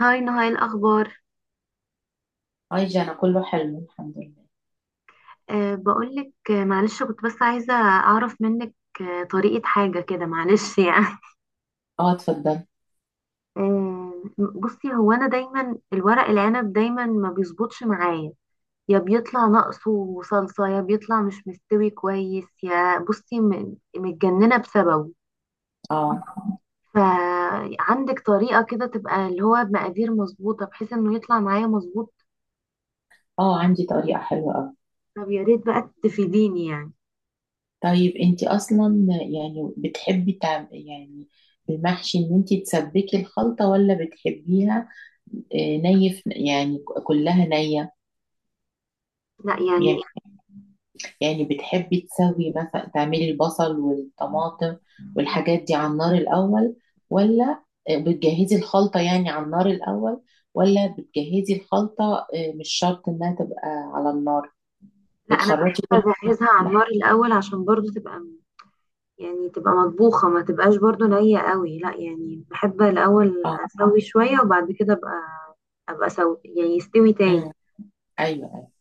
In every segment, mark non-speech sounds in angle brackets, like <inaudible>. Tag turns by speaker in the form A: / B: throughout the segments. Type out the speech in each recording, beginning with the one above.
A: هاي نهاي الأخبار.
B: اي، جانا كله حلو، الحمد لله.
A: بقولك، معلش، كنت بس عايزة أعرف منك طريقة حاجة كده، معلش <laughs> يعني
B: اه، اتفضل.
A: أه بصي، هو أنا دايما الورق العنب دايما ما بيظبطش معايا. يا بيطلع ناقصه صلصة، يا بيطلع مش مستوي كويس، يا بصي متجننة بسببه.
B: اه،
A: فعندك طريقة كده تبقى اللي هو بمقادير مظبوطة، بحيث إنه يطلع معايا مظبوط؟
B: اه، عندي طريقة حلوة اوي.
A: طب يا ريت بقى تفيديني يعني.
B: طيب، انتي اصلا يعني بتحبي يعني المحشي ان انتي تسبكي الخلطة ولا بتحبيها؟ يعني كلها نية.
A: لا يعني.
B: يعني يعني بتحبي تسوي مثلا تعملي البصل والطماطم والحاجات دي على النار الاول، ولا بتجهزي الخلطة يعني على النار الاول، ولا بتجهزي الخلطة مش شرط انها تبقى على النار؟
A: لا، انا
B: بتخرطي كل
A: بحب اجهزها على النار
B: ح-
A: الاول عشان برضو تبقى، يعني تبقى مطبوخه، ما تبقاش برضو نيه قوي. لا يعني، بحب الاول
B: اه،
A: اسوي شويه، وبعد كده ابقى اسوي يعني يستوي تاني.
B: مم، ايوه، ايوه.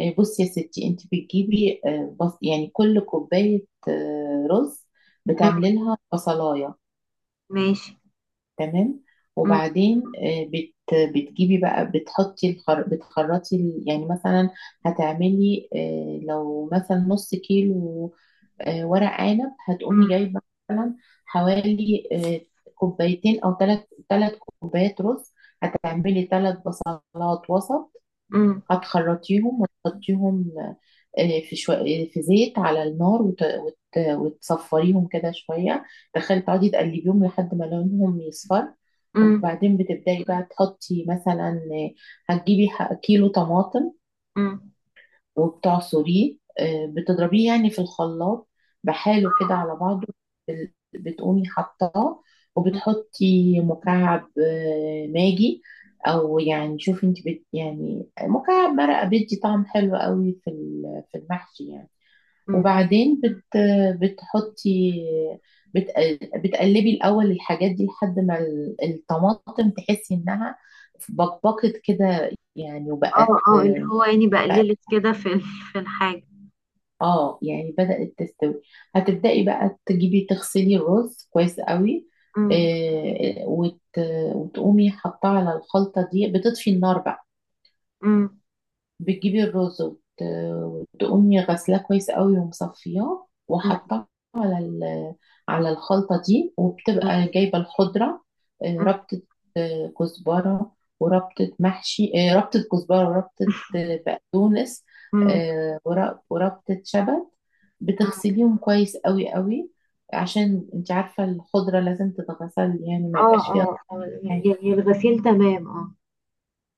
B: بصي يا ستي، انت بتجيبي بص يعني كل كوبايه رز
A: مم.
B: بتعملي لها بصلايه.
A: ماشي.
B: تمام.
A: مم.
B: وبعدين آه، بت بتجيبي بقى بتحطي بتخرطي يعني مثلا هتعملي، لو مثلا نص كيلو ورق عنب، هتقومي
A: مم.
B: جايبه مثلا حوالي كوبايتين او ثلاث 3 كوبايات رز، هتعملي 3 بصلات وسط،
A: مم.
B: هتخرطيهم وتحطيهم آه، في شو... في زيت على النار وتصفريهم كده شوية، تخلي تقعدي تقلبيهم لحد ما لونهم يصفر.
A: مم.
B: وبعدين بتبدأي بقى تحطي مثلا، هتجيبي كيلو طماطم
A: مم.
B: وبتعصريه، بتضربيه يعني في الخلاط بحاله كده على بعضه، بتقومي حطاه. وبتحطي مكعب ماجي، او يعني شوفي انت يعني مكعب مرقه بيدي طعم حلو قوي في في المحشي يعني.
A: مم.
B: وبعدين بت بتحطي بت بتقلبي الاول الحاجات دي لحد ما الطماطم تحسي انها بقبقت كده يعني
A: اه
B: وبقت.
A: اه، اللي هو يعني بقللت كده في في الحاجه.
B: اه، يعني بدأت تستوي. هتبدأي بقى تجيبي تغسلي الرز كويس قوي،
A: مم.
B: آه، وت... وتقومي حاطاه على الخلطة دي، بتطفي النار بقى.
A: مم.
B: بتجيبي الرز وتقومي غسلاه كويس قوي ومصفياه
A: مم.
B: وحطاه على على الخلطة دي، وبتبقى
A: ماشي.
B: جايبة الخضرة،
A: مم.
B: ربطة كزبرة، وربطة محشي، ربطة كزبرة وربطة بقدونس،
A: مم.
B: وربطة شبت. بتغسليهم كويس قوي قوي، عشان انت عارفة الخضرة لازم تتغسل، يعني ما
A: اه
B: يبقاش فيها
A: اه آه،
B: حاجة.
A: يعني الغسيل تمام، اه.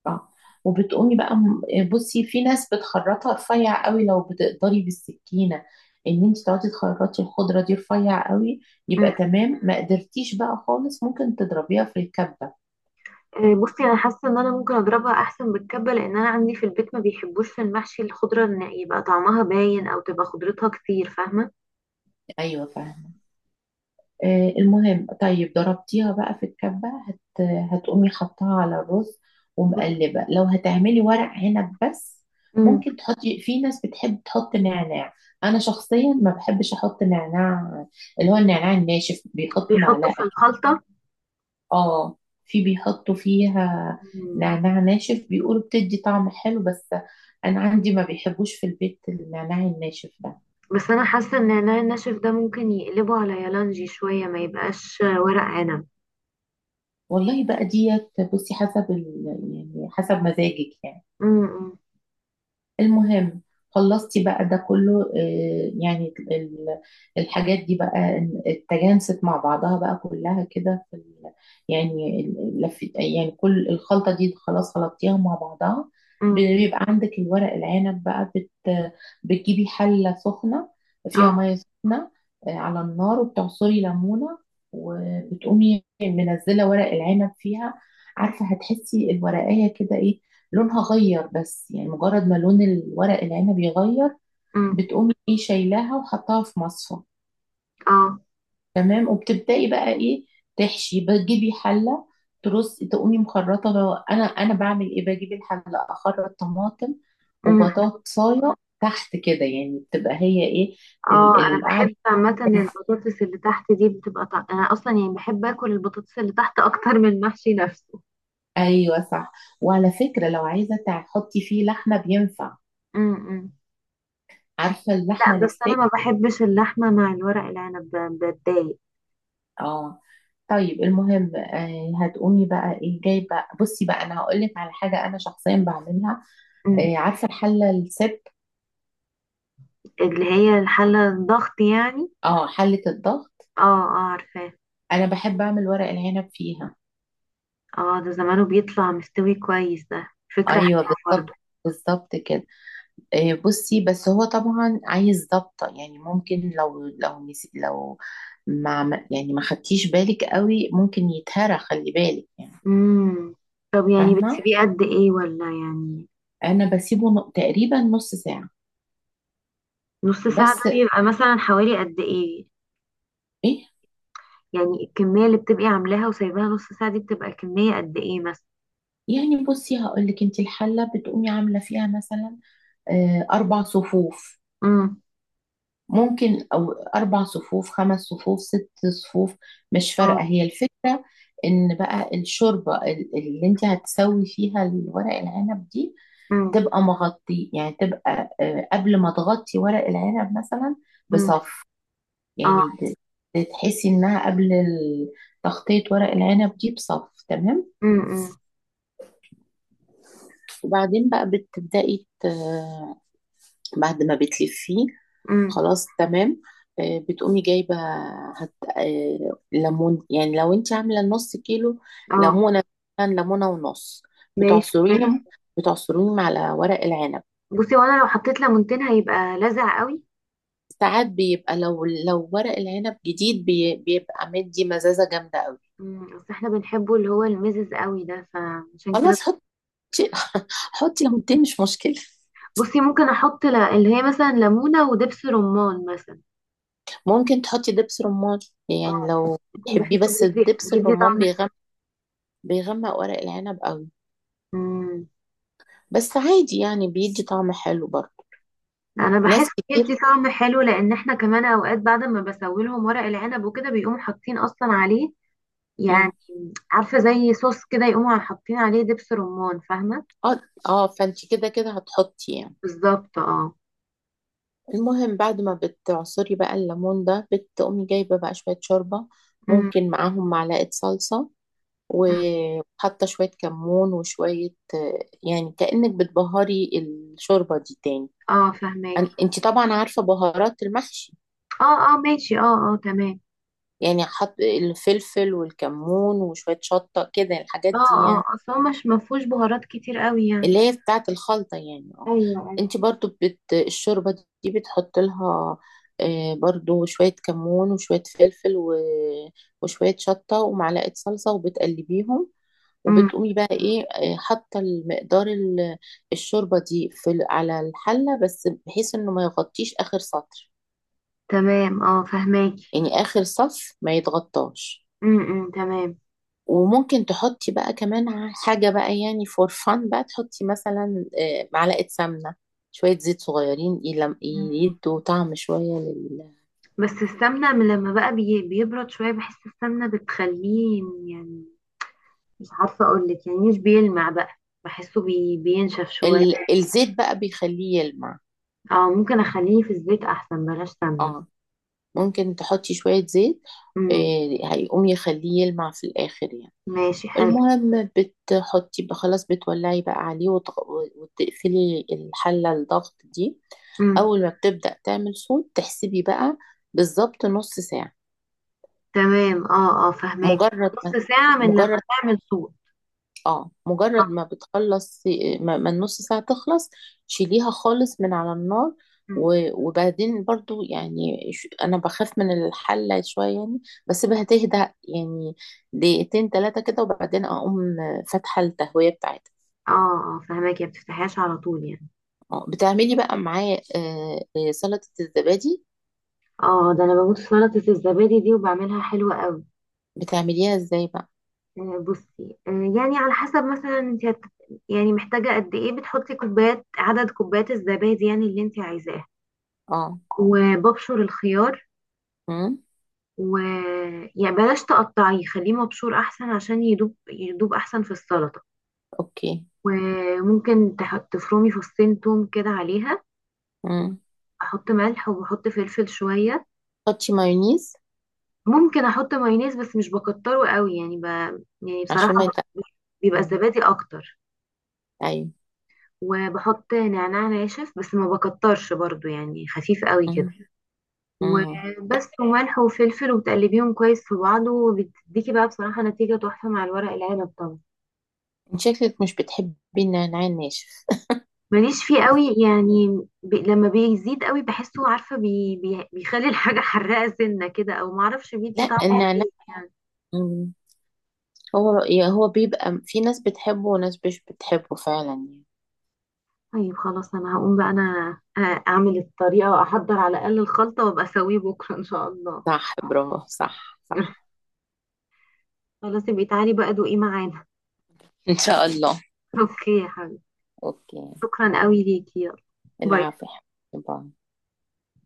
B: اه. وبتقومي بقى يعني بصي، في ناس بتخرطها رفيع قوي. لو بتقدري بالسكينة ان انت تقعدي تخرطي الخضرة دي رفيع قوي، يبقى تمام. ما قدرتيش بقى خالص، ممكن تضربيها في الكبة.
A: بصي، انا حاسه ان انا ممكن اضربها احسن بالكبه، لان انا عندي في البيت ما بيحبوش في المحشي الخضره ان يبقى طعمها باين او تبقى خضرتها كتير، فاهمه؟
B: ايوه فاهم. المهم، طيب، ضربتيها بقى في الكبة، هتقومي حطها على الرز ومقلبة. لو هتعملي ورق عنب بس،
A: امم.
B: ممكن تحطي، في ناس بتحب تحط نعناع. انا شخصيا ما بحبش احط نعناع، اللي هو النعناع الناشف بيحطوا
A: بيحطوا في
B: معلقة.
A: الخلطه.
B: اه، في بيحطوا فيها
A: مم.
B: نعناع ناشف بيقولوا بتدي طعم حلو، بس انا عندي ما بيحبوش في البيت النعناع الناشف ده.
A: بس انا حاسه ان النعناع الناشف ده ممكن يقلبه على يالانجي شويه، ما يبقاش ورق عنب.
B: والله بقى ديت، بصي حسب يعني حسب مزاجك يعني.
A: امم.
B: المهم، خلصتي بقى ده كله، يعني الحاجات دي بقى اتجانست مع بعضها بقى كلها كده في يعني لف، يعني كل الخلطة دي خلاص خلطتيها مع بعضها.
A: امم.
B: بيبقى عندك الورق العنب بقى، بتجيبي حلة سخنة فيها
A: اه.
B: مية سخنة على النار، وبتعصري ليمونة، وبتقومي منزلة ورق العنب فيها. عارفة هتحسي الورقية كده لونها غير، بس يعني مجرد ما لون الورق العنب يغير،
A: امم.
B: بتقومي شايلاها وحطها في مصفى.
A: اه.
B: تمام. وبتبدأي بقى تحشي، بتجيبي حلة ترصي، تقومي مخرطة بقى. انا بعمل بجيب الحلة، اخرط طماطم
A: مم.
B: وبطاطساية تحت كده يعني، بتبقى هي
A: اه، انا
B: القعدة.
A: بحب عامه البطاطس اللي تحت دي بتبقى انا اصلا يعني بحب اكل البطاطس اللي تحت اكتر من المحشي نفسه.
B: ايوه صح. وعلى فكرة، لو عايزة تحطي فيه لحمة بينفع،
A: امم.
B: عارفة اللحمة
A: لا، بس انا
B: الستيك؟
A: ما بحبش اللحمه مع الورق العنب، بتضايق.
B: اه. طيب، المهم، هتقومي بقى جاي بقى، بصي بقى، انا هقول لك على حاجه انا شخصيا بعملها.
A: أمم.
B: عارفه الحله السب...
A: اللي هي الحله الضغط يعني؟
B: اه، حله الضغط.
A: اه. اه عارفاه.
B: انا بحب اعمل ورق العنب فيها.
A: اه، ده زمانه بيطلع مستوي كويس ده. فكره
B: ايوه،
A: حلوه
B: بالظبط،
A: برضه.
B: بالظبط كده. بصي، بس هو طبعا عايز ضبطه يعني. ممكن لو لو يعني ما خدتيش بالك قوي ممكن يتهرى، خلي بالك يعني.
A: امم. طب يعني
B: فاهمه.
A: بتسيبيه قد ايه ولا يعني؟
B: انا بسيبه تقريبا نص ساعه
A: نص ساعه ده
B: بس.
A: بيبقى مثلا حوالي قد ايه؟
B: ايه،
A: يعني الكميه اللي بتبقي عاملاها وسايباها نص ساعه دي بتبقى كميه قد ايه مثلا؟
B: يعني بصي هقول لك، انت الحله بتقومي عامله فيها مثلا 4 صفوف
A: امم.
B: ممكن، او 4 صفوف، 5 صفوف، 6 صفوف، مش
A: اه.
B: فارقه هي الفكره. ان بقى الشوربه اللي انت هتسوي فيها الورق العنب دي
A: امم.
B: تبقى مغطي، يعني تبقى، قبل ما تغطي ورق العنب مثلا
A: امم.
B: بصف،
A: اه.
B: يعني تحسي انها قبل تغطيه ورق العنب دي بصف تمام.
A: امم. امم.
B: وبعدين بقى بتبدأي بعد ما بتلفيه،
A: أمم.
B: خلاص تمام. بتقومي جايبه هت... آه، ليمون، يعني لو انت عامله نص كيلو
A: اه.
B: ليمونه، مثلاً ليمونه ونص،
A: ماشي.
B: بتعصريهم بتعصريهم على ورق العنب.
A: بصي، وانا لو حطيت ليمونتين هيبقى لذع قوي؟
B: ساعات بيبقى، لو ورق العنب جديد بيبقى مدي مزازه جامده قوي.
A: مم، بس احنا بنحبه اللي هو المزز قوي ده، فعشان كده.
B: خلاص، حطي، حطي ليمونتين مش مشكله.
A: بصي، ممكن احط اللي هي مثلا ليمونة ودبس رمان مثلا.
B: ممكن تحطي دبس رمان، يعني
A: اه،
B: لو
A: ممكن.
B: تحبيه،
A: بحسه
B: بس
A: بيدي
B: الدبس
A: بيدي
B: الرمان
A: طعم حلو.
B: بيغمق ورق العنب قوي،
A: مم.
B: بس عادي يعني بيدي طعم حلو برضه.
A: انا بحس
B: ناس كتير.
A: بيدي طعم حلو، لان احنا كمان اوقات بعد ما بسوي لهم ورق العنب وكده بيقوموا حاطين اصلا عليه يعني.
B: مم.
A: عارفة زي صوص كده يقوموا حاطين عليه دبس رمان، فاهمة؟
B: اه، اه، فانت كده كده هتحطي يعني.
A: بالظبط، اه.
B: المهم بعد ما بتعصري بقى الليمون ده، بتقومي جايبه بقى شويه شوربه،
A: مم.
B: ممكن معاهم معلقه صلصه، وحاطه شويه كمون وشويه، يعني كأنك بتبهري الشوربه دي تاني.
A: اه فهماكي.
B: انت طبعا عارفه بهارات المحشي،
A: اه اه ماشي. اه اه تمام.
B: يعني حط الفلفل والكمون وشويه شطه كده، الحاجات
A: اه
B: دي
A: اه،
B: يعني
A: اصل هو مش مفهوش بهارات كتير قوي يعني.
B: اللي هي بتاعة الخلطة يعني. اه.
A: ايوه ايوه.
B: انت برضو الشوربة دي بتحط لها برضو شوية كمون وشوية فلفل وشوية شطة ومعلقة صلصة وبتقلبيهم،
A: امم
B: وبتقومي بقى ايه آه، حاطة المقدار الشوربة دي في على الحلة، بس بحيث انه ما يغطيش اخر سطر،
A: تمام. اه فهماكي.
B: يعني اخر صف ما يتغطاش.
A: تمام.
B: وممكن تحطي بقى كمان حاجة بقى، يعني فور فان بقى، تحطي مثلا معلقة سمنة، شوية زيت صغيرين
A: مم.
B: يدوا طعم شوية
A: بس السمنة من لما بقى بيبرد شوية بحس السمنة بتخليه يعني، مش عارفة اقولك، يعني مش بيلمع بقى. بحسه بينشف شوية.
B: الزيت بقى بيخليه يلمع.
A: اه، ممكن اخليه في الزيت احسن، بلاش سمنة.
B: اه، ممكن تحطي شوية زيت،
A: امم.
B: هيقوم يخليه يلمع في الآخر يعني.
A: ماشي، حلو.
B: المهم، بتحطي بقى خلاص، بتولعي بقى عليه وتقفلي الحلة الضغط دي.
A: امم
B: أول ما بتبدأ تعمل صوت تحسبي بقى بالظبط نص ساعة.
A: تمام. اه اه فهماكي،
B: مجرد ما
A: نص ساعة من
B: مجرد
A: لما تعمل صوت.
B: اه
A: اه.
B: مجرد ما بتخلص، ما النص ساعة تخلص، شيليها خالص من على النار.
A: امم
B: وبعدين برضو يعني، انا بخاف من الحلة شوية يعني، بسيبها تهدى يعني دقيقتين ثلاثة كده، وبعدين اقوم فاتحة التهوية بتاعتها.
A: اه اه فهماكي، ما بتفتحيهاش على طول يعني.
B: بتعملي بقى معاه سلطة الزبادي.
A: اه، ده انا بموت في سلطة الزبادي دي، وبعملها حلوة قوي.
B: بتعمليها ازاي بقى؟
A: بصي، يعني على حسب مثلا انت يعني محتاجة قد ايه، بتحطي كوبايات عدد كوبايات الزبادي يعني اللي انت عايزاه.
B: اه.
A: وببشر الخيار.
B: امم.
A: و يعني بلاش تقطعيه، خليه مبشور احسن عشان يدوب يدوب احسن في السلطة.
B: اوكي.
A: وممكن تفرمي فصين توم كده عليها.
B: امم.
A: احط ملح وبحط فلفل شوية.
B: حطي مايونيز
A: ممكن احط مايونيز بس مش بكتره قوي، يعني يعني
B: عشان ما
A: بصراحة
B: يتقل.
A: بيبقى الزبادي اكتر.
B: ايوه.
A: وبحط نعناع ناشف بس ما بكترش برضو، يعني خفيف قوي كده.
B: مم. مم.
A: وبس، وملح وفلفل، وبتقلبيهم كويس في بعض، وبتديكي بقى بصراحة نتيجة تحفة مع الورق العنب طبعا.
B: انت شكلك مش بتحبي النعناع الناشف.
A: ماليش فيه قوي يعني، لما بيزيد قوي بحسه، عارفة، بي بي بيخلي الحاجة حراقة سنة كده، او معرفش بيدي
B: لا
A: طعم
B: النعناع.
A: غريب يعني.
B: مم. هو، هو بيبقى في ناس بتحبه وناس مش بتحبه فعلا يعني.
A: طيب خلاص، انا هقوم بقى، انا اعمل الطريقة واحضر على الاقل الخلطة، وابقى اسويه بكرة ان شاء الله.
B: صح، برافو، صح، صح.
A: <laughs> خلاص، يبقى تعالي بقى دوقي معانا.
B: ان شاء الله.
A: <laughs> اوكي يا حبيبي،
B: اوكي،
A: شكرا
B: باي.
A: قوي ليكي، يلا باي.
B: العافية. باي.